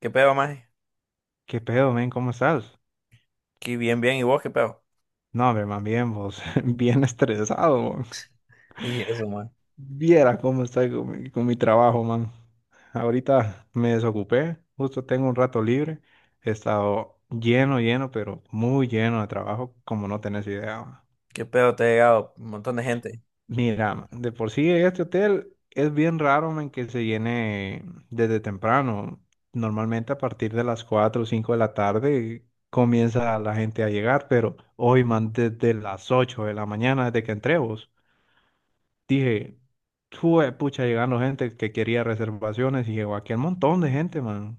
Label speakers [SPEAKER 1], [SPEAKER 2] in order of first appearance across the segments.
[SPEAKER 1] ¿Qué pedo, maje?
[SPEAKER 2] ¿Qué pedo, men? ¿Cómo estás?
[SPEAKER 1] Aquí bien, bien. ¿Y vos qué pedo?
[SPEAKER 2] No, hombre, man, bien, vos. Bien estresado, man.
[SPEAKER 1] Y eso, man.
[SPEAKER 2] Viera cómo estoy con mi trabajo, man. Ahorita me desocupé, justo tengo un rato libre. He estado lleno, lleno, pero muy lleno de trabajo, como no tenés idea, man.
[SPEAKER 1] ¿Qué pedo? Te ha llegado un montón de gente.
[SPEAKER 2] Mira, de por sí este hotel es bien raro en que se llene desde temprano. Normalmente a partir de las 4, o 5 de la tarde comienza la gente a llegar, pero hoy, man, desde las 8 de la mañana, desde que entré vos, dije, "Jue pucha, llegando gente que quería reservaciones y llegó aquí un montón de gente, man,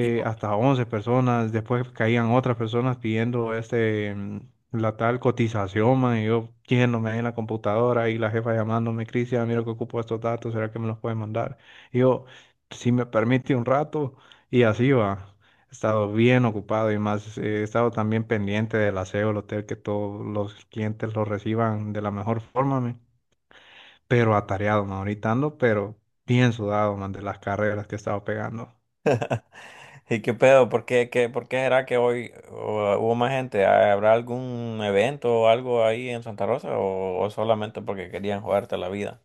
[SPEAKER 1] ¿Y por
[SPEAKER 2] hasta 11 personas, después caían otras personas pidiendo la tal cotización, man, y yo yéndome ahí en la computadora y la jefa llamándome, Cristian, ah, mira que ocupo estos datos, ¿será que me los puede mandar? Y yo, si me permite un rato, y así va. He estado bien ocupado y más, he estado también pendiente del aseo del hotel, que todos los clientes lo reciban de la mejor forma, men. Pero atareado, man, ahorita ando, pero bien sudado, man, de las carreras que he estado pegando.
[SPEAKER 1] ¿Y qué pedo? ¿Por qué, por qué será que hoy hubo más gente? ¿Habrá algún evento o algo ahí en Santa Rosa o solamente porque querían jugarte la vida?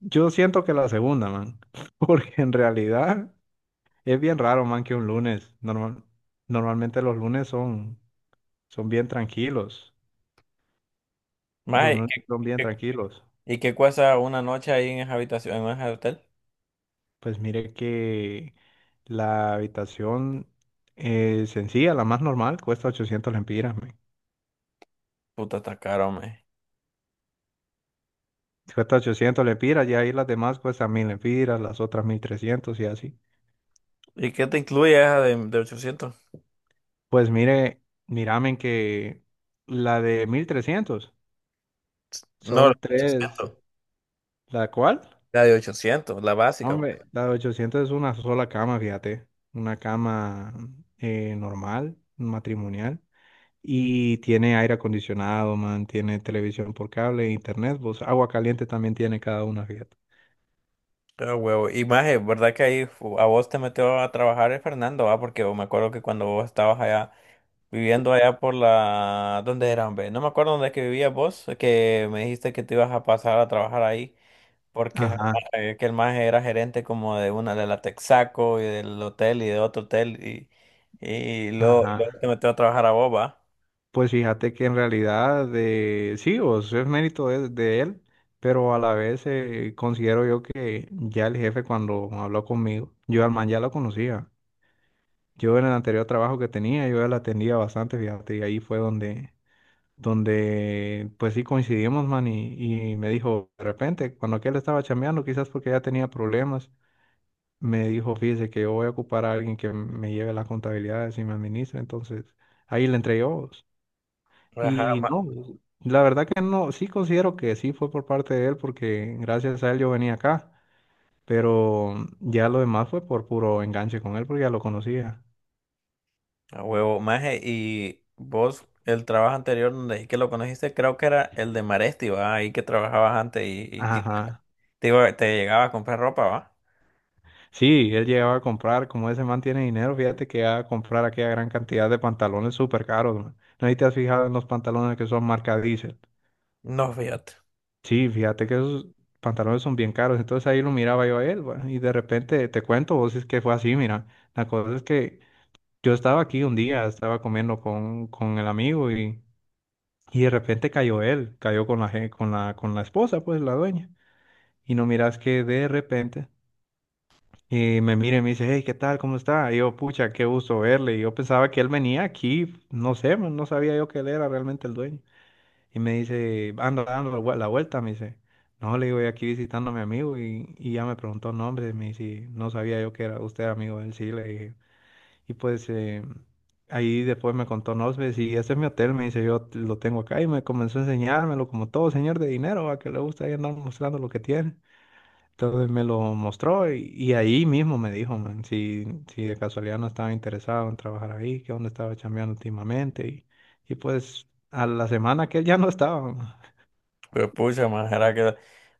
[SPEAKER 2] Yo siento que la segunda, man, porque en realidad es bien raro, man, que un lunes, normalmente los lunes son bien tranquilos, los
[SPEAKER 1] Maje,
[SPEAKER 2] lunes son bien
[SPEAKER 1] qué-
[SPEAKER 2] tranquilos.
[SPEAKER 1] ¿y qué cuesta una noche ahí en esa habitación, en ese hotel?
[SPEAKER 2] Pues mire que la habitación sencilla, la más normal, cuesta 800 lempiras, man.
[SPEAKER 1] Puta, está caro, maje.
[SPEAKER 2] Cuesta 800 lempiras y ahí las demás cuestan 1000 lempiras, las otras 1300 y así.
[SPEAKER 1] ¿Y qué te incluye esa de 800?
[SPEAKER 2] Pues mire, miramen que la de 1300
[SPEAKER 1] No, la
[SPEAKER 2] son
[SPEAKER 1] de
[SPEAKER 2] tres,
[SPEAKER 1] 800.
[SPEAKER 2] ¿la cual?
[SPEAKER 1] La de 800, la
[SPEAKER 2] No,
[SPEAKER 1] básica.
[SPEAKER 2] hombre, la de 800 es una sola cama, fíjate. Una cama normal, matrimonial. Y tiene aire acondicionado, man. Tiene televisión por cable, internet. Pues agua caliente también tiene cada una, fíjate.
[SPEAKER 1] Ah, huevo. Y más, es verdad que ahí a vos te metió a trabajar el Fernando, ah, porque me acuerdo que cuando vos estabas allá, viviendo allá por la... ¿Dónde era, hombre? No me acuerdo dónde es que vivías vos, que me dijiste que te ibas a pasar a trabajar ahí, porque
[SPEAKER 2] Ajá,
[SPEAKER 1] que el más era gerente como de una de la Texaco y del hotel y de otro hotel, y luego,
[SPEAKER 2] ajá.
[SPEAKER 1] luego te metió a trabajar a vos, va.
[SPEAKER 2] Pues fíjate que en realidad sí, o sea, es mérito de él, pero a la vez considero yo que ya el jefe cuando habló conmigo, yo al man ya lo conocía. Yo en el anterior trabajo que tenía, yo ya la atendía bastante, fíjate, y ahí fue donde pues sí coincidimos, man, y me dijo, de repente, cuando aquel estaba chambeando, quizás porque ya tenía problemas, me dijo, fíjese que yo voy a ocupar a alguien que me lleve las contabilidades y me administre, entonces ahí le entregué vos.
[SPEAKER 1] Ajá,
[SPEAKER 2] Y
[SPEAKER 1] ma-
[SPEAKER 2] no, la verdad que no, sí considero que sí fue por parte de él, porque gracias a él yo venía acá, pero ya lo demás fue por puro enganche con él, porque ya lo conocía.
[SPEAKER 1] A huevo, maje, y vos, el trabajo anterior donde dije que lo conociste, creo que era el de Maresti, ¿va? Ahí que trabajabas antes y que
[SPEAKER 2] Ajá.
[SPEAKER 1] te, te llegaba a comprar ropa, ¿va?
[SPEAKER 2] Sí, él llegaba a comprar, como ese man tiene dinero, fíjate que va a comprar aquella gran cantidad de pantalones súper caros, man. No sé si te has fijado en los pantalones que son marca Diesel.
[SPEAKER 1] No, fíjate.
[SPEAKER 2] Sí, fíjate que esos pantalones son bien caros, entonces ahí lo miraba yo a él, bueno, y de repente te cuento, vos es que fue así, mira, la cosa es que yo estaba aquí un día, estaba comiendo con el amigo y de repente cayó él, cayó con la esposa, pues la dueña, y no miras que de repente. Y me mira y me dice, hey, ¿qué tal? ¿Cómo está? Y yo, pucha, qué gusto verle. Y yo pensaba que él venía aquí, no sé, man, no sabía yo que él era realmente el dueño. Y me dice, ando dando la vuelta, me dice. No, le digo, "yo aquí visitando a mi amigo y ya me preguntó nombre, me dice, no sabía yo que era usted amigo de él, sí, le dije. Y pues ahí después me contó nombres y este es mi hotel, me dice, yo lo tengo acá y me comenzó a enseñármelo como todo señor de dinero, a que le gusta ahí andar mostrando lo que tiene. Entonces me lo mostró y ahí mismo me dijo, man, si de casualidad no estaba interesado en trabajar ahí, que dónde estaba chambeando últimamente. Y pues a la semana que él ya no estaba, man.
[SPEAKER 1] Pues pucha, maje, era que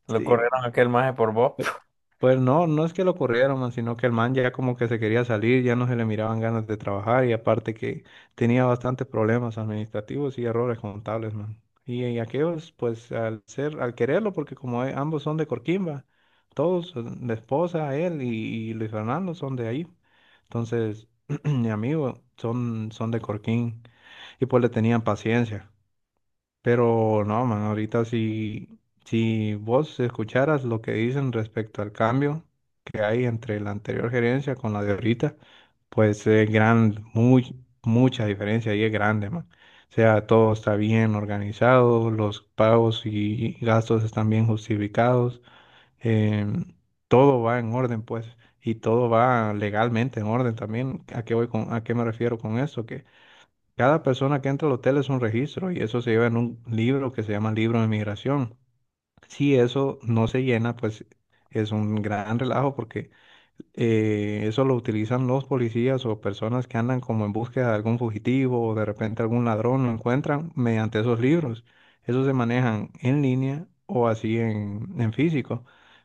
[SPEAKER 1] lo
[SPEAKER 2] Sí,
[SPEAKER 1] corrieron a aquel maje por vos.
[SPEAKER 2] Pues pues no, no es que lo corrieron, man, sino que el man ya como que se quería salir, ya no se le miraban ganas de trabajar y aparte que tenía bastantes problemas administrativos y errores contables, man. Y aquellos, pues al ser, al quererlo, porque como ambos son de Corquimba, todos, la esposa, él y Luis Fernando son de ahí. Entonces, mi amigo, son de Corquín y pues le tenían paciencia. Pero no, man, ahorita si vos escucharas lo que dicen respecto al cambio que hay entre la anterior gerencia con la de ahorita, pues es mucha diferencia y es grande, man. O sea, todo está bien organizado, los pagos y gastos están bien justificados, em, todo va en orden, pues, y todo va legalmente en orden también. ¿A qué voy a qué me refiero con eso? Cada persona que entra al hotel es un registro y eso se lleva en un libro que se llama libro de migración. Si eso no se llena, pues es un gran relajo porque eso lo utilizan los policías o personas que andan como en búsqueda de algún fugitivo o de repente algún ladrón lo encuentran mediante esos libros. Esos se manejan en línea o así en físico.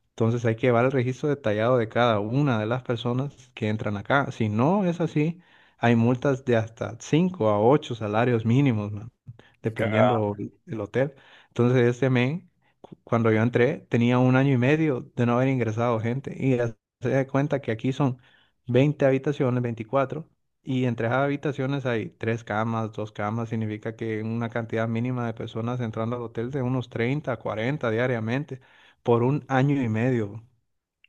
[SPEAKER 2] Entonces hay que llevar el registro detallado de cada una de las personas que entran acá. Si no es así, hay multas de hasta 5 a 8 salarios mínimos, man,
[SPEAKER 1] Y cagada.
[SPEAKER 2] dependiendo el hotel. Entonces este men, cuando yo entré, tenía un año y medio de no haber ingresado gente. Y ya se da cuenta que aquí son 20 habitaciones, 24. Y entre esas habitaciones hay tres camas, dos camas, significa que una cantidad mínima de personas entrando al hotel de unos treinta a 40 diariamente por un año y medio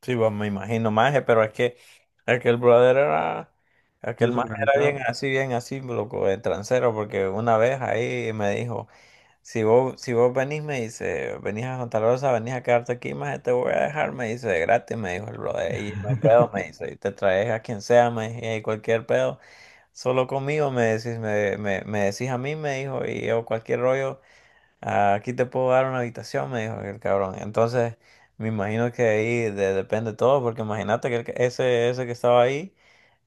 [SPEAKER 1] Sí, va, me imagino, maje, pero es que aquel brother era, aquel maje era
[SPEAKER 2] desorganizado.
[SPEAKER 1] bien así, loco, de transero, porque una vez ahí me dijo. Si vos, si vos venís, me dice, venís a Santa Rosa, venís a quedarte aquí, más te voy a dejar, me dice, de gratis, me dijo el brother, y no hay pedo, me dice, y te traes a quien sea, me dice, y cualquier pedo, solo conmigo, me decís, me decís a mí, me dijo, y yo cualquier rollo, "Ah, aquí te puedo dar una habitación", me dijo el cabrón. Entonces, me imagino que ahí depende todo, porque imagínate que el ese, ese que estaba ahí,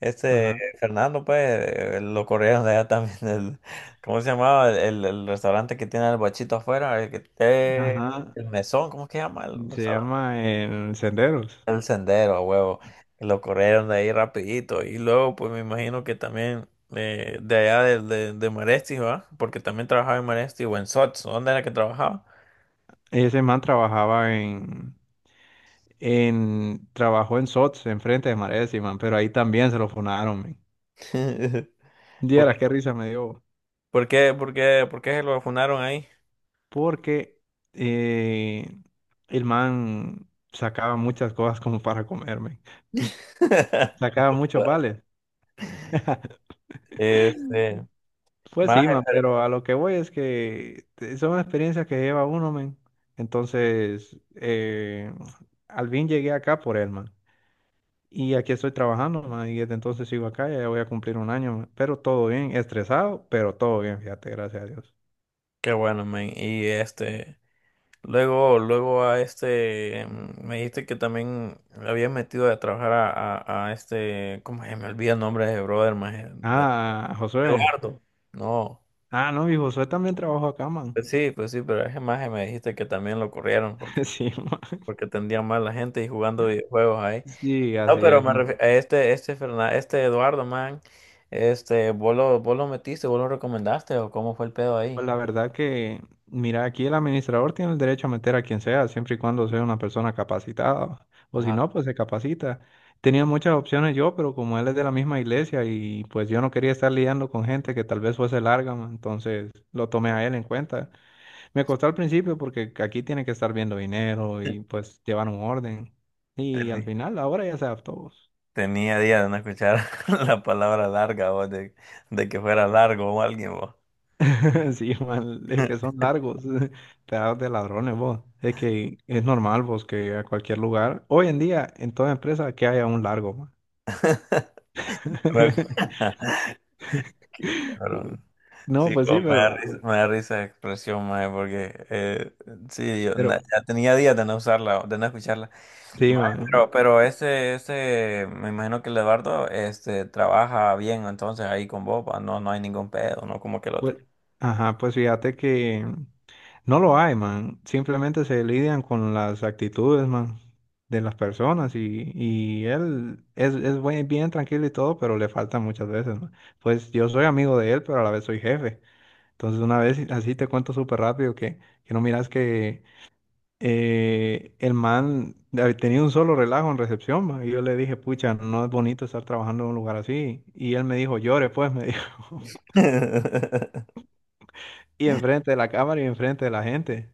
[SPEAKER 1] este
[SPEAKER 2] Ajá,
[SPEAKER 1] Fernando, pues, lo corrieron de allá también. ¿Cómo se llamaba? El restaurante que tiene el bachito afuera, el que
[SPEAKER 2] ajá.
[SPEAKER 1] el mesón, ¿cómo es que se llama? El
[SPEAKER 2] Se
[SPEAKER 1] restaurante,
[SPEAKER 2] llama en Senderos.
[SPEAKER 1] el sendero, a huevo. Lo corrieron de ahí rapidito. Y luego, pues, me imagino que también de allá de Maresti, ¿va? Porque también trabajaba en Maresti o en Sots, ¿dónde era que trabajaba?
[SPEAKER 2] Ese man trabajó en SOTS, enfrente de Marea de man, pero ahí también se lo funaron, men.
[SPEAKER 1] ¿Por,
[SPEAKER 2] Dieras qué risa me dio.
[SPEAKER 1] por qué, por qué, por qué se lo funaron ahí?
[SPEAKER 2] Porque eh, el man sacaba muchas cosas como para comerme. Sacaba muchos vales.
[SPEAKER 1] Este,
[SPEAKER 2] Pues
[SPEAKER 1] más,
[SPEAKER 2] sí, man, pero a lo que voy es que son experiencias que lleva uno, man. Entonces, al fin llegué acá por él, man. Y aquí estoy trabajando, man. Y desde entonces sigo acá, ya voy a cumplir un año, man. Pero todo bien, estresado, pero todo bien, fíjate, gracias a Dios.
[SPEAKER 1] qué bueno, men. Y este, luego, luego a este, me dijiste que también le habías metido a trabajar a este, ¿cómo se me olvida el nombre de ese brother, maje? De-
[SPEAKER 2] Ah, Josué.
[SPEAKER 1] Eduardo. No,
[SPEAKER 2] Ah, no, mi Josué también trabajó acá, man.
[SPEAKER 1] pues sí, pero ese maje me dijiste que también lo corrieron porque,
[SPEAKER 2] Sí, man.
[SPEAKER 1] porque atendía mal a la gente y jugando videojuegos.
[SPEAKER 2] Sí,
[SPEAKER 1] No,
[SPEAKER 2] así
[SPEAKER 1] pero
[SPEAKER 2] es.
[SPEAKER 1] me a este, este Eduardo, man, este, vos lo metiste, vos lo recomendaste, o cómo fue el pedo
[SPEAKER 2] Pues
[SPEAKER 1] ahí.
[SPEAKER 2] la verdad que, mira, aquí el administrador tiene el derecho a meter a quien sea, siempre y cuando sea una persona capacitada, o si
[SPEAKER 1] Ajá.
[SPEAKER 2] no, pues se capacita. Tenía muchas opciones yo, pero como él es de la misma iglesia y pues yo no quería estar lidiando con gente que tal vez fuese larga, ma, entonces lo tomé a él en cuenta. Me costó al principio porque aquí tiene que estar viendo dinero y pues llevar un orden. Y al
[SPEAKER 1] Teni-
[SPEAKER 2] final, ahora ya se adaptó.
[SPEAKER 1] Tenía días de no escuchar la palabra larga, vos, de que fuera largo o alguien, vos.
[SPEAKER 2] Sí, man, es que son largos, pedazos de ladrones, vos. Es que es normal, vos, que a cualquier lugar, hoy en día, en toda empresa, que haya un largo, man.
[SPEAKER 1] Qué cabrón.
[SPEAKER 2] No,
[SPEAKER 1] Sí,
[SPEAKER 2] pues sí,
[SPEAKER 1] como
[SPEAKER 2] pero,
[SPEAKER 1] me da risa la expresión, mae, porque sí, yo
[SPEAKER 2] pero,
[SPEAKER 1] ya tenía días de no usarla, de no escucharla.
[SPEAKER 2] sí,
[SPEAKER 1] Mae,
[SPEAKER 2] man.
[SPEAKER 1] pero ese, me imagino que el Eduardo este, trabaja bien entonces ahí con vos, pa, no, no hay ningún pedo, no como que el
[SPEAKER 2] Pues,
[SPEAKER 1] otro.
[SPEAKER 2] ajá, pues fíjate que no lo hay, man. Simplemente se lidian con las actitudes, man, de las personas y él es bien tranquilo y todo, pero le falta muchas veces, man. Pues yo soy amigo de él, pero a la vez soy jefe. Entonces, una vez, así te cuento súper rápido que no miras que el man había tenido un solo relajo en recepción. Y yo le dije, pucha, no es bonito estar trabajando en un lugar así. Y él me dijo, llore pues, me dijo. Y enfrente de la cámara y enfrente de la gente.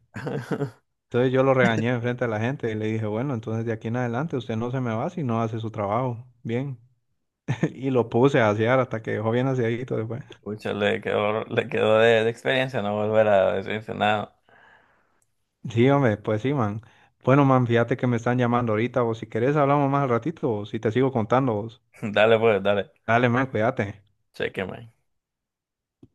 [SPEAKER 2] Entonces yo lo regañé enfrente de la gente y le dije, bueno, entonces de aquí en adelante usted no se me va si no hace su trabajo. Bien. Y lo puse a asear hasta que dejó bien aseadito después.
[SPEAKER 1] Pucha, le quedó de experiencia no volver a decirse nada.
[SPEAKER 2] Sí, hombre, pues sí, man. Bueno, man, fíjate que me están llamando ahorita, o si querés hablamos más al ratito, o si te sigo contando.
[SPEAKER 1] Dale pues, dale,
[SPEAKER 2] Dale, man, cuídate.
[SPEAKER 1] cheque, mae.